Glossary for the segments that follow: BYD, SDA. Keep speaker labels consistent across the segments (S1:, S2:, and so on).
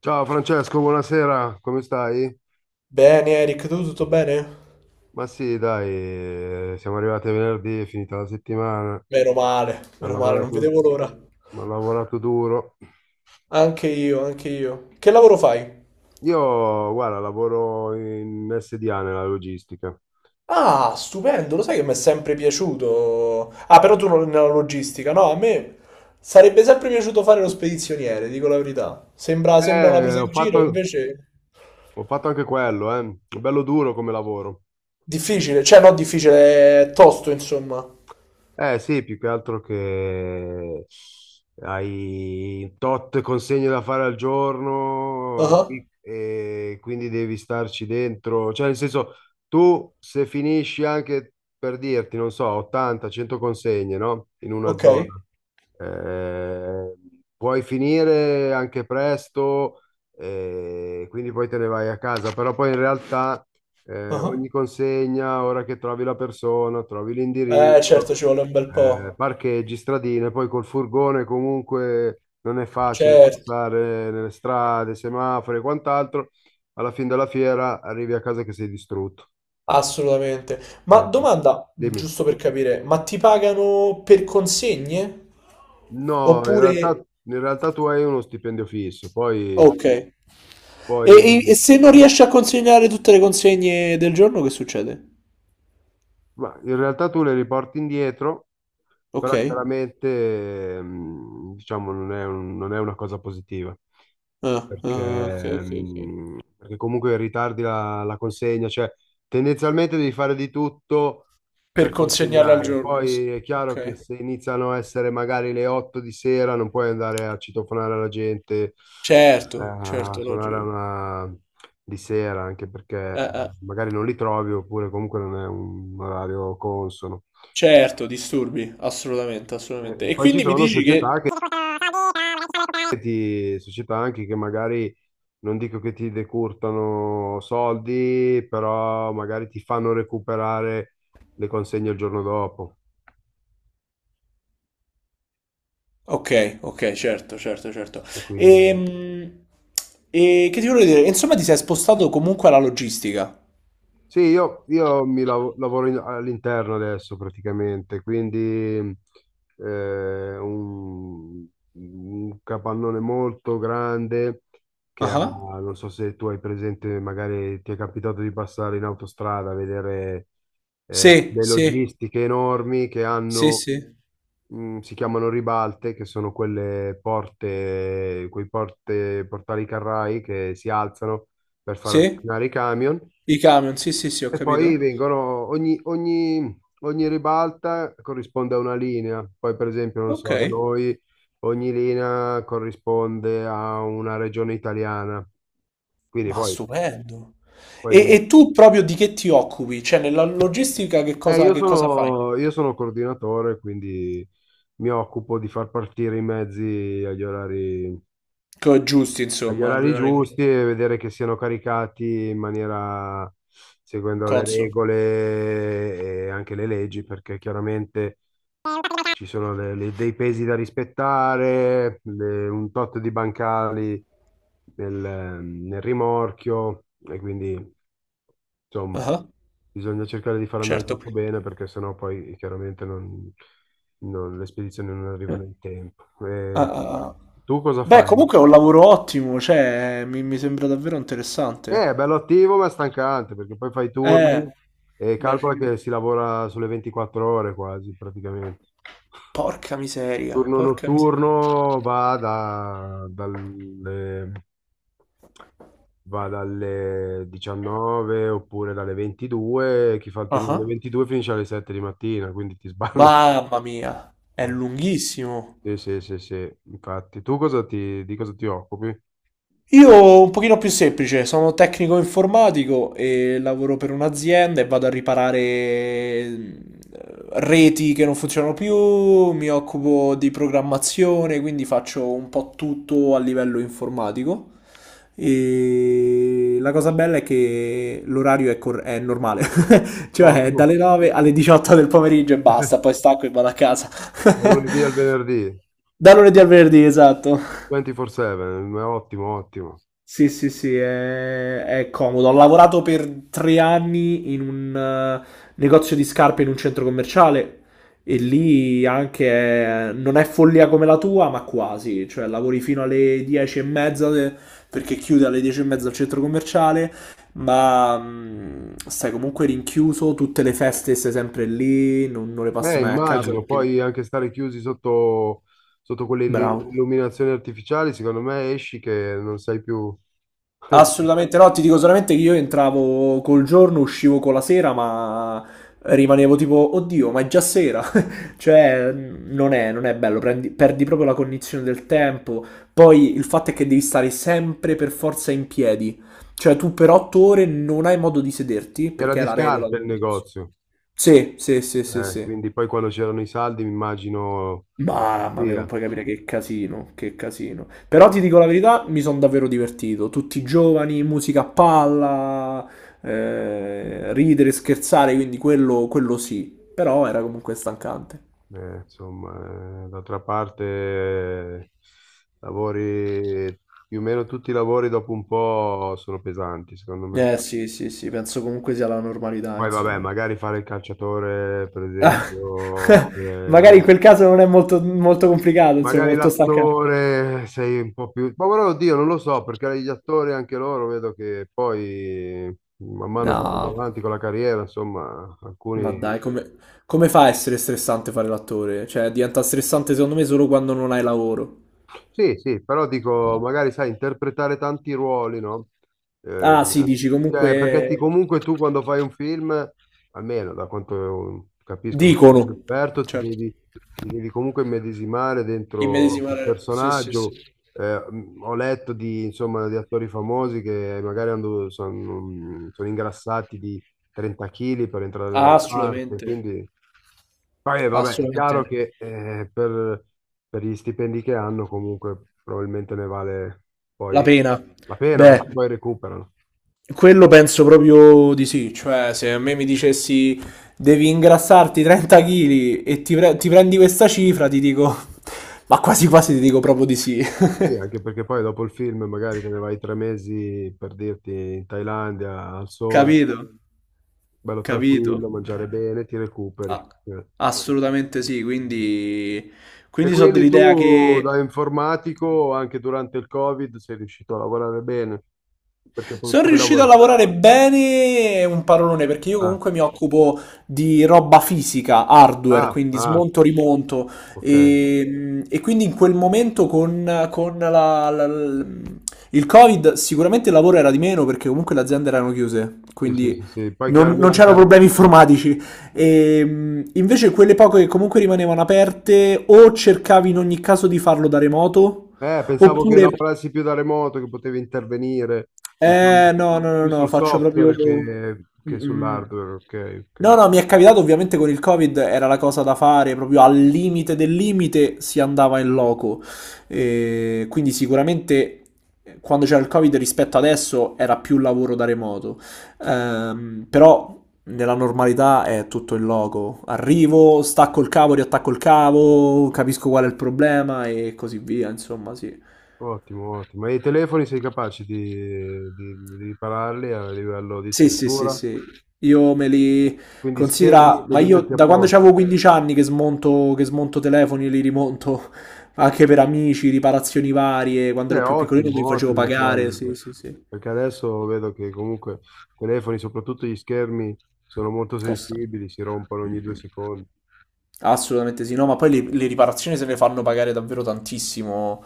S1: Ciao Francesco, buonasera, come stai?
S2: Bene Eric, tu tutto bene?
S1: Ma sì, dai, siamo arrivati a venerdì, è finita la settimana, ho
S2: Meno male, non
S1: lavorato,
S2: vedevo l'ora.
S1: ho lavorato duro.
S2: Anche io, anche io. Che lavoro fai?
S1: Io, guarda, lavoro in SDA nella logistica.
S2: Ah, stupendo, lo sai che mi è sempre piaciuto. Ah, però tu non nella logistica, no? A me sarebbe sempre piaciuto fare lo spedizioniere, dico la verità. Sembra una
S1: Eh,
S2: presa
S1: ho
S2: in giro,
S1: fatto,
S2: invece
S1: ho fatto anche quello, eh. Bello duro come lavoro.
S2: difficile, cioè no, difficile, è tosto, insomma.
S1: Eh sì, più che altro che hai tot consegne da fare al giorno
S2: Ah,
S1: sì, e quindi devi starci dentro. Cioè, nel senso, tu se finisci anche per dirti, non so, 80-100 consegne, no? In una
S2: ok.
S1: zona. Eh, puoi finire anche presto, quindi poi te ne vai a casa, però poi in realtà
S2: Ah.
S1: ogni consegna, ora che trovi la persona, trovi
S2: Certo,
S1: l'indirizzo.
S2: ci vuole un bel po'.
S1: Parcheggi, stradine, poi col furgone comunque non è facile
S2: Certo.
S1: passare nelle strade, semafori e quant'altro. Alla fine della fiera arrivi a casa che sei distrutto.
S2: Assolutamente. Ma
S1: Eh,
S2: domanda,
S1: dimmi.
S2: giusto per capire, ma ti pagano per consegne?
S1: No,
S2: Oppure...
S1: in realtà tu hai uno stipendio fisso,
S2: Ok. E,
S1: poi
S2: e- e se non riesci a consegnare tutte le consegne del giorno, che succede?
S1: ma in realtà tu le riporti indietro,
S2: Ok.
S1: però chiaramente diciamo non è una cosa positiva,
S2: Ah, ah, ok,
S1: perché,
S2: ok, ok.
S1: perché comunque ritardi la consegna, cioè tendenzialmente devi fare di tutto
S2: Per
S1: per
S2: consegnarle al
S1: consegnare.
S2: giorno.
S1: Poi è chiaro che
S2: Ok.
S1: se iniziano a essere magari le 8 di sera non puoi andare a citofonare la gente,
S2: Certo,
S1: a
S2: certo,
S1: suonare a
S2: logico.
S1: una di sera, anche perché
S2: Eh.
S1: magari non li trovi oppure comunque non è un orario consono.
S2: Certo, disturbi, assolutamente, assolutamente. E
S1: Poi ci
S2: quindi mi
S1: sono
S2: dici che...
S1: società anche che magari non dico che ti decurtano le consegne il giorno dopo.
S2: Ok, ok, certo, certo, certo.
S1: E quindi
S2: Ehm, E, che ti volevo dire? Insomma, ti sei spostato comunque alla logistica.
S1: sì, io lavoro all'interno adesso praticamente, quindi eh, un, un capannone molto grande che ha,
S2: Ah,
S1: non so se tu hai presente, magari ti è capitato di passare in autostrada a vedere
S2: sì,
S1: le
S2: sì,
S1: logistiche enormi che
S2: sì,
S1: hanno.
S2: sì,
S1: Si chiamano ribalte, che sono quelle porte, portali carrai che si alzano per far
S2: sì,
S1: avvicinare i camion,
S2: i camion, sì, sì, sì, ho
S1: e poi
S2: capito.
S1: vengono, ogni ribalta corrisponde a una linea. Poi, per esempio, non
S2: Ok,
S1: so, da noi ogni linea corrisponde a una regione italiana. Quindi
S2: ma
S1: poi
S2: stupendo. E tu proprio di che ti occupi? La logistica che cosa
S1: io sono
S2: fai?
S1: conduttore, quindi mi occupo di far partire i mezzi agli orari giusti
S2: Tu
S1: e che
S2: aggiusti,
S1: siano indicati
S2: insomma.
S1: in maniera, seguendo, aspettare lì nel rimorchio e quindi insomma
S2: Ah,
S1: bisogna cercare di far andare
S2: certo.
S1: tutto bene perché sennò poi chiaramente le spedizioni non
S2: Eh,
S1: arrivano in tempo.
S2: ah,
S1: E
S2: ah, ah.
S1: tu cosa
S2: Beh,
S1: fai?
S2: comunque è un lavoro ottimo, cioè, mi sembra davvero interessante.
S1: È bello attivo ma è stancante perché poi fai i
S2: Eh,
S1: turni e
S2: beh,
S1: calcola
S2: sì.
S1: che si lavora sulle 24 ore quasi praticamente.
S2: Porca miseria,
S1: Turno
S2: porca miseria.
S1: notturno va dalle 19 oppure dalle 22, chi fa il turno delle
S2: Ah,
S1: 22 finisce alle 7 di mattina, quindi ti sballa.
S2: mamma mia, è
S1: Eh,
S2: lunghissimo.
S1: Sì, sì, sì, sì, infatti. Di cosa ti occupi?
S2: Io un pochino più semplice, sono tecnico informatico e lavoro per un'azienda e vado a riparare reti che non funzionano più, mi occupo di programmazione, quindi faccio un po' tutto a livello informatico. E la cosa bella è che l'orario è normale, cioè è
S1: Ottimo,
S2: dalle 9 alle 18 del pomeriggio e basta, poi stacco e vado a casa.
S1: dal lunedì al venerdì,
S2: Da lunedì al venerdì, esatto.
S1: 24/7, ottimo, ottimo.
S2: Sì, sì, sì, è comodo. Ho lavorato per 3 anni in un negozio di scarpe in un centro commerciale e lì anche non è follia come la tua, ma quasi. Cioè, lavori fino alle 10 e mezza perché chiude alle 10 e mezza il centro commerciale, ma stai comunque rinchiuso, tutte le feste stai sempre lì, non le passi mai a casa
S1: Immagino,
S2: perché...
S1: poi anche stare chiusi sotto quelle
S2: Bravo.
S1: illuminazioni artificiali, secondo me esci che non sai più.
S2: Assolutamente no, ti dico solamente che io entravo col giorno, uscivo con la sera, ma rimanevo tipo, oddio, ma è già sera. Cioè, non è bello, perdi proprio la cognizione del tempo. Poi il fatto è che devi stare sempre per forza in piedi. Cioè, tu per 8 ore non hai modo di sederti,
S1: Era
S2: perché è
S1: di
S2: la regola
S1: scarpe
S2: del...
S1: il negozio.
S2: Sì, sì, sì, sì, sì.
S1: Quindi poi quando c'erano i saldi mi immagino la
S2: Mamma mia, non
S1: pazzia.
S2: puoi capire che casino, che casino. Però ti dico la verità, mi sono davvero divertito. Tutti giovani, musica a palla, ridere, scherzare, quindi quello sì. Però era comunque stancante.
S1: Insomma, d'altra parte lavori, più o meno tutti i lavori dopo un po' sono pesanti, secondo me.
S2: Eh sì, sì, sì, penso comunque sia la normalità,
S1: Poi vabbè,
S2: insomma.
S1: magari fare il calciatore, per esempio, oppure
S2: Magari in quel caso non è molto, molto complicato, insomma,
S1: magari
S2: molto stancante.
S1: l'attore sei un po' più. Ma guarda, oddio, non lo so, perché gli attori anche loro vedo che poi, man mano che vanno
S2: No,
S1: avanti con la carriera, insomma,
S2: ma
S1: alcuni.
S2: dai, come fa a essere stressante fare l'attore? Cioè, diventa stressante secondo me solo quando non hai lavoro.
S1: Sì, sì, però dico, magari sai, interpretare tanti ruoli, no? Eh,
S2: Ah, sì, dici
S1: cioè, perché
S2: comunque.
S1: comunque tu quando fai un film, almeno da quanto capisco, non sono un
S2: Dicono.
S1: esperto,
S2: Certo.
S1: ti devi comunque immedesimare dentro quel
S2: Immedesimare. Sì, sì, sì.
S1: personaggio. Ho letto insomma, di attori famosi che magari sono ingrassati di 30 kg per entrare
S2: Ah,
S1: nella parte,
S2: assolutamente.
S1: quindi. Poi, vabbè, è chiaro
S2: Assolutamente.
S1: che per gli stipendi che hanno comunque probabilmente ne vale
S2: La
S1: poi
S2: pena.
S1: la pena
S2: Beh,
S1: perché poi recuperano.
S2: quello penso proprio di sì. Cioè, se a me mi dicessi devi ingrassarti 30 kg e ti prendi questa cifra, ti dico, ma quasi quasi ti dico proprio di sì.
S1: Sì, anche perché poi dopo il film magari te ne vai 3 mesi per dirti in Thailandia al sole,
S2: Capito?
S1: bello
S2: Capito?
S1: tranquillo, mangiare bene, ti recuperi.
S2: Ah, sì.
S1: Eh.
S2: Assolutamente sì, quindi,
S1: E
S2: quindi so
S1: quindi
S2: dell'idea
S1: tu
S2: che...
S1: da informatico anche durante il Covid sei riuscito a lavorare bene perché
S2: Sono
S1: poi
S2: riuscito a
S1: lavori.
S2: lavorare bene, è un parolone, perché io
S1: Ah,
S2: comunque mi occupo di roba fisica, hardware,
S1: ah,
S2: quindi
S1: ah,
S2: smonto, rimonto,
S1: ok.
S2: e quindi in quel momento con, con la- la- la- il Covid sicuramente il lavoro era di meno perché comunque le aziende erano chiuse,
S1: Sì, sì,
S2: quindi
S1: sì, sì. Poi
S2: non
S1: chiaramente
S2: c'erano problemi informatici. E, invece quelle poche che comunque rimanevano aperte o cercavi in ogni caso di farlo da remoto
S1: pensavo che
S2: oppure
S1: lavorassi più da remoto, che potevi intervenire, diciamo,
S2: no, no, no,
S1: più
S2: no,
S1: sul
S2: faccio proprio...
S1: software
S2: Mm,
S1: che
S2: mm.
S1: sull'hardware. Ok,
S2: No,
S1: ok.
S2: no, mi è capitato ovviamente con il Covid, era la cosa da fare, proprio al limite del limite si andava in loco. Quindi sicuramente quando c'era il Covid rispetto adesso era più lavoro da remoto. Però nella normalità è tutto in loco. Arrivo, stacco il cavo, riattacco il cavo, capisco qual è il problema e così via, insomma, sì.
S1: Ottimo, ottimo. E i telefoni sei capace di ripararli a livello di
S2: Sì, sì, sì,
S1: struttura?
S2: sì. Io me li
S1: Quindi
S2: considera,
S1: schermi che
S2: ma
S1: li
S2: io
S1: metti
S2: da quando
S1: apposta.
S2: avevo 15 anni che smonto telefoni e li rimonto anche per amici, riparazioni varie. Quando ero più piccolino me li
S1: Ottimo,
S2: facevo
S1: ottimo
S2: pagare.
S1: quello.
S2: Sì, sì, sì.
S1: Perché adesso vedo che comunque i telefoni, soprattutto gli schermi, sono molto
S2: Costano.
S1: sensibili, si rompono ogni due secondi.
S2: Assolutamente sì, no, ma poi le riparazioni se ne fanno pagare davvero tantissimo,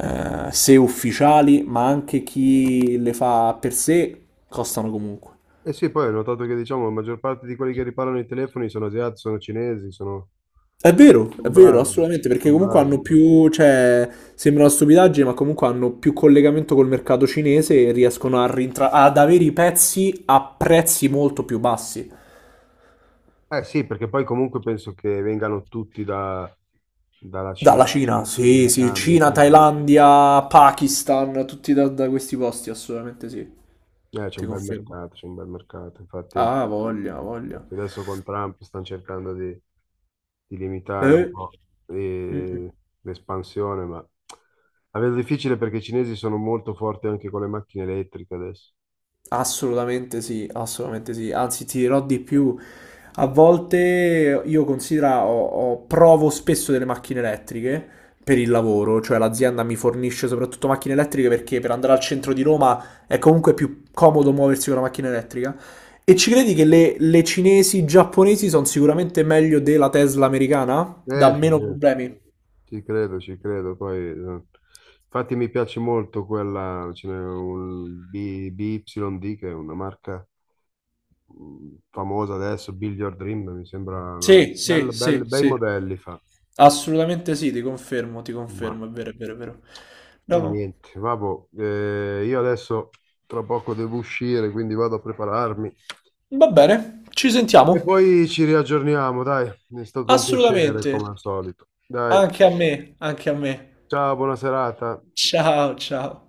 S2: se ufficiali, ma anche chi le fa per sé, costano comunque.
S1: Eh sì, poi ho notato che diciamo la maggior parte di quelli che riparano i telefoni sono asiatici, sono cinesi, sono
S2: È vero,
S1: bravi,
S2: assolutamente, perché
S1: sono
S2: comunque
S1: bravi
S2: hanno
S1: forse.
S2: più, cioè, sembra una stupidaggine, ma comunque hanno più collegamento col mercato cinese e riescono a ad avere i pezzi a prezzi molto più bassi.
S1: Eh sì, perché poi comunque penso che vengano tutti dalla Cina,
S2: Dalla Cina, sì,
S1: in
S2: sì,
S1: cambio,
S2: Cina,
S1: quindi
S2: Thailandia, Pakistan, tutti da questi posti, assolutamente sì.
S1: c'è
S2: Ti
S1: un bel
S2: confermo.
S1: mercato, c'è un bel mercato.
S2: Ah, voglia, voglia.
S1: Infatti adesso con Trump stanno cercando di limitare un
S2: Eh.
S1: po'
S2: Mm, mm.
S1: eh, l'espansione, ma la vedo difficile perché i cinesi sono molto forti anche con le macchine elettriche adesso.
S2: Assolutamente sì, assolutamente sì. Anzi, ti dirò di più. A volte io considera, provo spesso delle macchine elettriche per il lavoro, cioè l'azienda mi fornisce soprattutto macchine elettriche perché per andare al centro di Roma è comunque più comodo muoversi con una macchina elettrica. E ci credi che le cinesi, giapponesi sono sicuramente meglio della Tesla americana? Dà
S1: Sì,
S2: meno
S1: sì.
S2: problemi?
S1: Ci credo, ci credo. Poi, infatti mi piace molto quella, ce n'è un BYD che è una marca famosa adesso, Build Your Dream, mi sembra una
S2: Sì, sì, sì,
S1: bei
S2: sì.
S1: modelli fa.
S2: Assolutamente sì, ti
S1: Ma
S2: confermo, è vero, è vero, è vero.
S1: e
S2: No.
S1: niente, vabbò, io adesso tra poco devo uscire, quindi vado a prepararmi
S2: Va bene, ci
S1: e
S2: sentiamo.
S1: poi ci riaggiorniamo, dai. È stato un piacere
S2: Assolutamente.
S1: come al solito. Dai,
S2: Anche a me, anche a me.
S1: ciao, buona serata.
S2: Ciao, ciao.